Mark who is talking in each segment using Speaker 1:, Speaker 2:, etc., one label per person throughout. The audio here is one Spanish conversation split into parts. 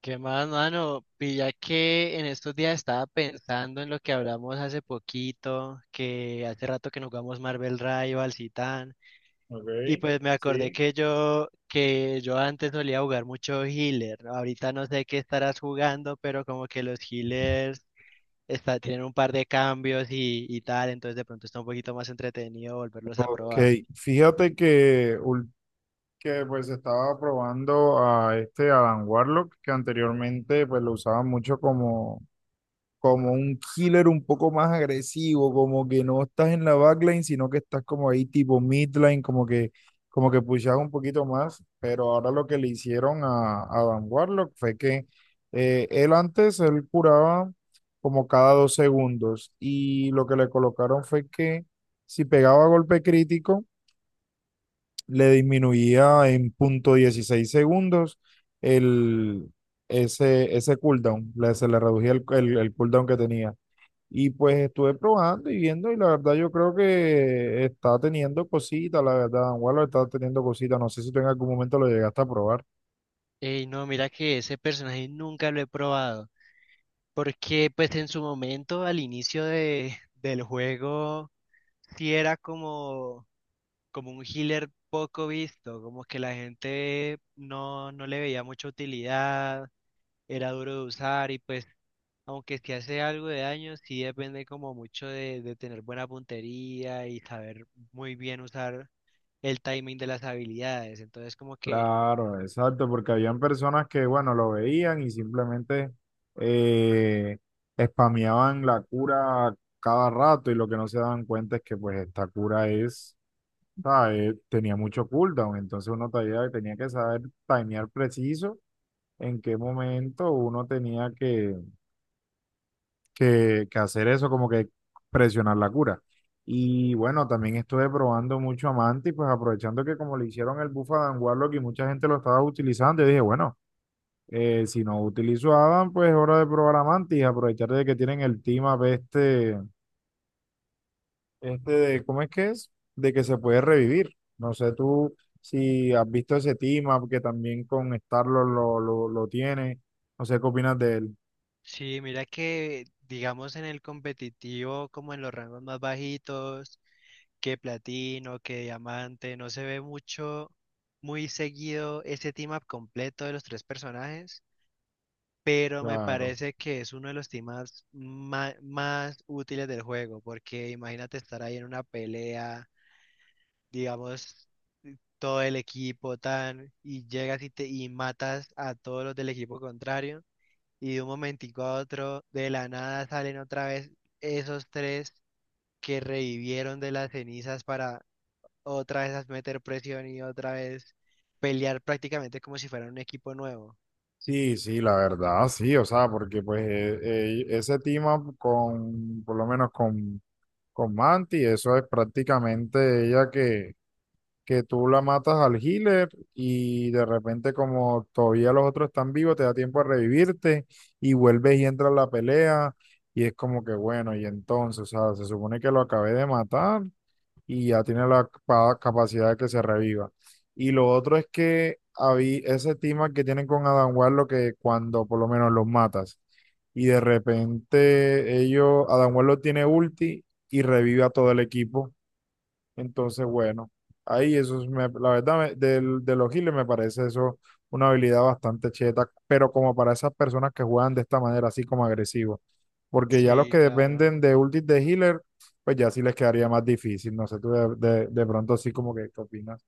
Speaker 1: ¿Qué más, mano? Pilla que en estos días estaba pensando en lo que hablamos hace poquito, que hace rato que no jugamos Marvel Rivals y tan,
Speaker 2: Ok,
Speaker 1: y pues me acordé
Speaker 2: sí.
Speaker 1: que yo antes solía jugar mucho healer, ¿no? Ahorita no sé qué estarás jugando, pero como que los healers está, tienen un par de cambios y tal, entonces de pronto está un poquito más entretenido volverlos a
Speaker 2: Ok,
Speaker 1: probar.
Speaker 2: fíjate que, que pues estaba probando a este Adam Warlock, que anteriormente pues lo usaban mucho como un killer un poco más agresivo, como que no estás en la backline, sino que estás como ahí tipo midline, como que pushas un poquito más, pero ahora lo que le hicieron a Dan Warlock fue que él antes, él curaba como cada 2 segundos y lo que le colocaron fue que si pegaba golpe crítico, le disminuía en 0,16 segundos el... Ese cooldown, se le reducía el cooldown que tenía. Y pues estuve probando y viendo y la verdad yo creo que está teniendo cositas, la verdad, Angulo está teniendo cositas, no sé si tú en algún momento lo llegaste a probar.
Speaker 1: Ey, no, mira que ese personaje nunca lo he probado. Porque pues en su momento, al inicio del juego, sí era como, como un healer poco visto, como que la gente no le veía mucha utilidad, era duro de usar y pues aunque sí hace algo de daño, sí depende como mucho de tener buena puntería y saber muy bien usar el timing de las habilidades. Entonces como que...
Speaker 2: Claro, exacto, porque habían personas que, bueno, lo veían y simplemente eh, spameaban la cura cada rato y lo que no se daban cuenta es que pues esta cura es, ¿sabes? Tenía mucho cooldown, entonces uno tenía que saber timear preciso en qué momento uno tenía que hacer eso, como que presionar la cura. Y bueno, también estuve probando mucho Amante y pues aprovechando que como le hicieron el buff a Adam Warlock y mucha gente lo estaba utilizando, yo dije, bueno, si no utilizo a Adam, pues es hora de probar Amante y aprovechar de que tienen el team up este de, ¿cómo es que es? De que se puede revivir. No sé tú si has visto ese team up que también con Starlord lo tiene. No sé qué opinas de él.
Speaker 1: Sí, mira que digamos en el competitivo, como en los rangos más bajitos, que platino, que diamante, no se ve mucho, muy seguido ese team up completo de los tres personajes, pero me
Speaker 2: Claro.
Speaker 1: parece que es uno de los team ups más útiles del juego, porque imagínate estar ahí en una pelea, digamos, todo el equipo tan, y llegas y matas a todos los del equipo contrario, y de un momentico a otro, de la nada salen otra vez esos tres que revivieron de las cenizas para otra vez a meter presión y otra vez pelear prácticamente como si fuera un equipo nuevo.
Speaker 2: Sí, sí, la verdad, sí, o sea, porque pues ese team up por lo menos con Manti, eso es prácticamente ella que tú la matas al healer y de repente como todavía los otros están vivos, te da tiempo a revivirte y vuelves y entras a la pelea y es como que bueno, y entonces, o sea, se supone que lo acabé de matar y ya tiene la capacidad de que se reviva. Y lo otro es que había ese tema que tienen con Adam Warlock que cuando por lo menos los matas y de repente ellos, Adam Warlock tiene ulti y revive a todo el equipo. Entonces, bueno, ahí eso es, la verdad, de los healers me parece eso una habilidad bastante cheta, pero como para esas personas que juegan de esta manera, así como agresivo porque ya los
Speaker 1: Sí,
Speaker 2: que
Speaker 1: claro,
Speaker 2: dependen de ultis de healer, pues ya sí les quedaría más difícil. No sé, tú de pronto sí como que ¿qué opinas?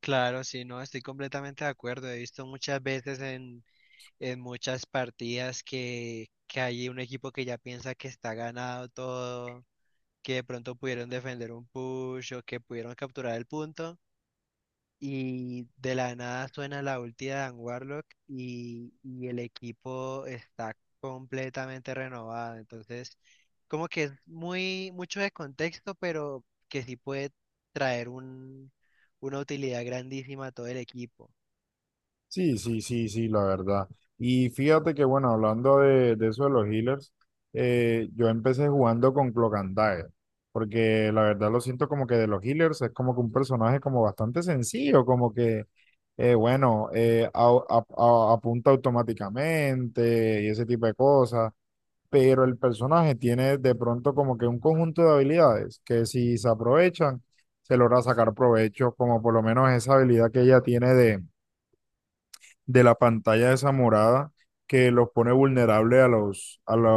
Speaker 1: claro, sí, no, estoy completamente de acuerdo. He visto muchas veces en muchas partidas que hay un equipo que ya piensa que está ganado todo, que de pronto pudieron defender un push o que pudieron capturar el punto. Y de la nada suena la ulti de Dan Warlock y el equipo está completamente renovado. Entonces, como que es muy mucho de contexto, pero que sí puede traer un, una utilidad grandísima a todo el equipo.
Speaker 2: Sí, sí, sí, sí, la verdad. Y fíjate que bueno, hablando de eso de los healers, yo empecé jugando con Cloak and Dagger, porque la verdad lo siento como que de los healers es como que un personaje como bastante sencillo, como que bueno, apunta automáticamente y ese tipo de cosas pero el personaje tiene de pronto como que un conjunto de habilidades que si se aprovechan, se logra sacar provecho, como por lo menos esa habilidad que ella tiene de la pantalla esa morada que los pone vulnerable a los, a la,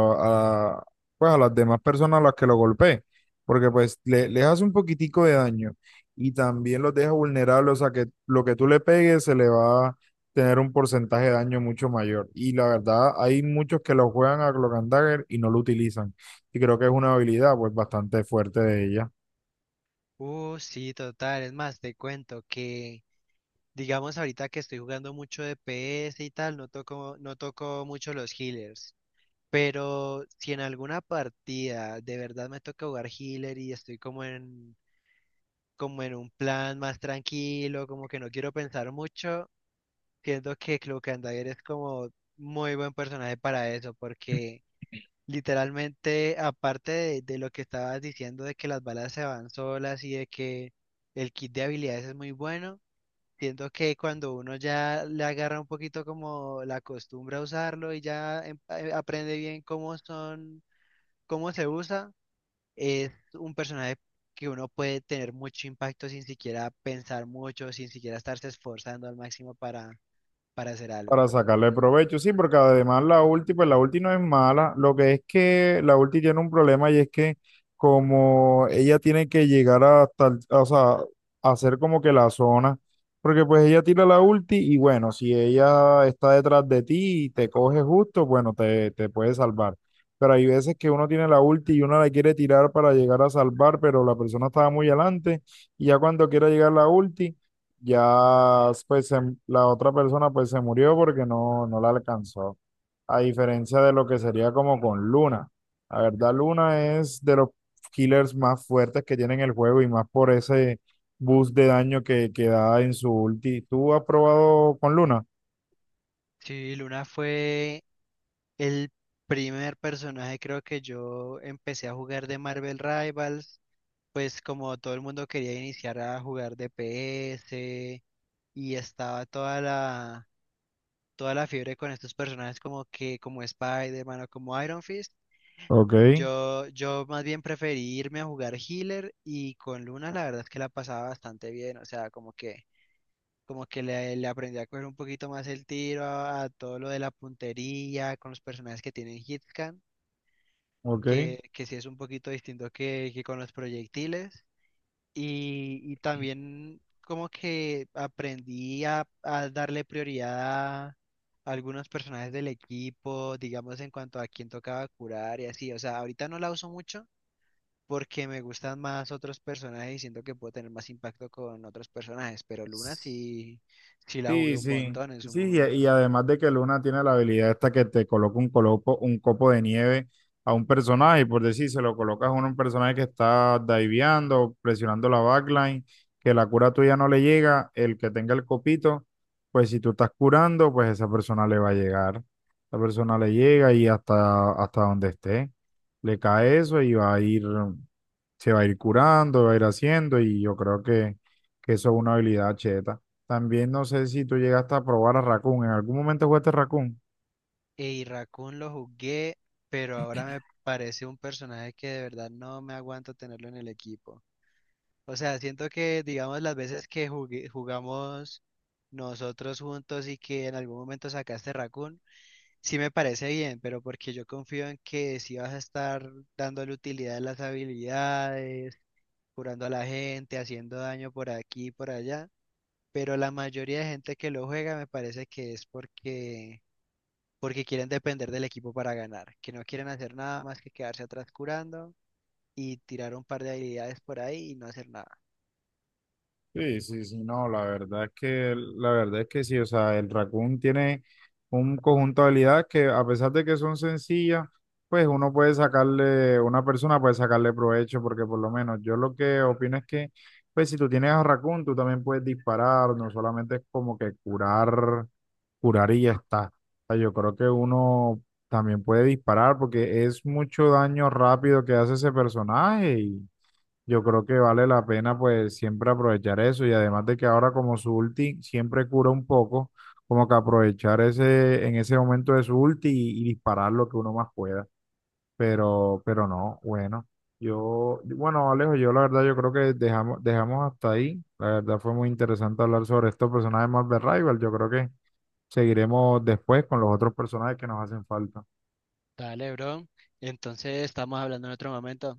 Speaker 2: a, pues a las demás personas a las que lo golpee, porque pues les hace un poquitico de daño y también los deja vulnerables, o sea que lo que tú le pegues se le va a tener un porcentaje de daño mucho mayor. Y la verdad, hay muchos que lo juegan a Cloak and Dagger y no lo utilizan. Y creo que es una habilidad pues bastante fuerte de ella.
Speaker 1: Sí, total. Es más, te cuento que, digamos, ahorita que estoy jugando mucho de PS y tal, no toco mucho los healers. Pero si en alguna partida de verdad me toca jugar healer y estoy como en, como en un plan más tranquilo, como que no quiero pensar mucho, siento que Cloak and Dagger es como muy buen personaje para eso, porque literalmente, aparte de lo que estabas diciendo de que las balas se van solas y de que el kit de habilidades es muy bueno, siento que cuando uno ya le agarra un poquito como la costumbre a usarlo y ya aprende bien cómo son cómo se usa, es un personaje que uno puede tener mucho impacto sin siquiera pensar mucho, sin siquiera estarse esforzando al máximo para hacer algo.
Speaker 2: Para sacarle provecho, sí, porque además la ulti, pues la ulti no es mala, lo que es que la ulti tiene un problema y es que como ella tiene que llegar hasta, o sea, hacer como que la zona, porque pues ella tira la ulti y bueno, si ella está detrás de ti y te coge justo, bueno, te puede salvar. Pero hay veces que uno tiene la ulti y uno la quiere tirar para llegar a salvar, pero la persona estaba muy adelante y ya cuando quiera llegar la ulti ya, pues la otra persona pues se murió porque no la alcanzó. A diferencia de lo que sería como con Luna. La verdad, Luna es de los killers más fuertes que tiene en el juego y más por ese boost de daño que da en su ulti. ¿Tú has probado con Luna?
Speaker 1: Sí, Luna fue el primer personaje creo que yo empecé a jugar de Marvel Rivals, pues como todo el mundo quería iniciar a jugar DPS y estaba toda la fiebre con estos personajes como que como Spider-Man o como Iron Fist.
Speaker 2: Ok,
Speaker 1: Yo más bien preferí irme a jugar healer y con Luna la verdad es que la pasaba bastante bien, o sea, como que le aprendí a coger un poquito más el tiro a todo lo de la puntería, con los personajes que tienen hitcan,
Speaker 2: ok.
Speaker 1: que sí es un poquito distinto que con los proyectiles. Y también como que aprendí a darle prioridad a algunos personajes del equipo, digamos en cuanto a quién tocaba curar y así, o sea, ahorita no la uso mucho porque me gustan más otros personajes y siento que puedo tener más impacto con otros personajes, pero Luna sí, sí la jugué
Speaker 2: Sí,
Speaker 1: un
Speaker 2: sí,
Speaker 1: montón en su
Speaker 2: sí, y,
Speaker 1: momento.
Speaker 2: y además de que Luna tiene la habilidad esta que te coloca un, coloco, un copo de nieve a un personaje, y por decir, se lo colocas a un personaje que está diveando, presionando la backline, que la cura tuya no le llega, el que tenga el copito, pues si tú estás curando, pues esa persona le va a llegar, esa persona le llega y hasta donde esté, le cae eso y va a ir, se va a ir curando, va a ir haciendo, y yo creo que eso es una habilidad cheta. También no sé si tú llegaste a probar a Raccoon. ¿En algún momento jugaste Raccoon?
Speaker 1: Y Raccoon lo jugué, pero ahora me parece un personaje que de verdad no me aguanto tenerlo en el equipo. O sea, siento que, digamos, las veces que jugamos nosotros juntos y que en algún momento sacaste Raccoon, sí me parece bien, pero porque yo confío en que sí vas a estar dándole utilidad a las habilidades curando a la gente, haciendo daño por aquí y por allá, pero la mayoría de gente que lo juega me parece que es porque, porque quieren depender del equipo para ganar, que no quieren hacer nada más que quedarse atrás curando y tirar un par de habilidades por ahí y no hacer nada.
Speaker 2: Sí, sí, sí. No, la verdad es que sí, o sea, el Raccoon tiene un conjunto de habilidades que a pesar de que son sencillas, pues uno puede sacarle, una persona puede sacarle provecho, porque por lo menos yo lo que opino es que, pues si tú tienes a Raccoon, tú también puedes disparar, no solamente es como que curar curar y ya está. O sea, yo creo que uno también puede disparar porque es mucho daño rápido que hace ese personaje y yo creo que vale la pena pues siempre aprovechar eso y además de que ahora como su ulti siempre cura un poco, como que aprovechar ese en ese momento de su ulti y disparar lo que uno más pueda. Pero no, bueno. Yo, bueno, Alejo, yo la verdad yo creo que dejamos hasta ahí. La verdad fue muy interesante hablar sobre estos personajes más de Rival. Yo creo que seguiremos después con los otros personajes que nos hacen falta.
Speaker 1: Dale, bro. Entonces estamos hablando en otro momento.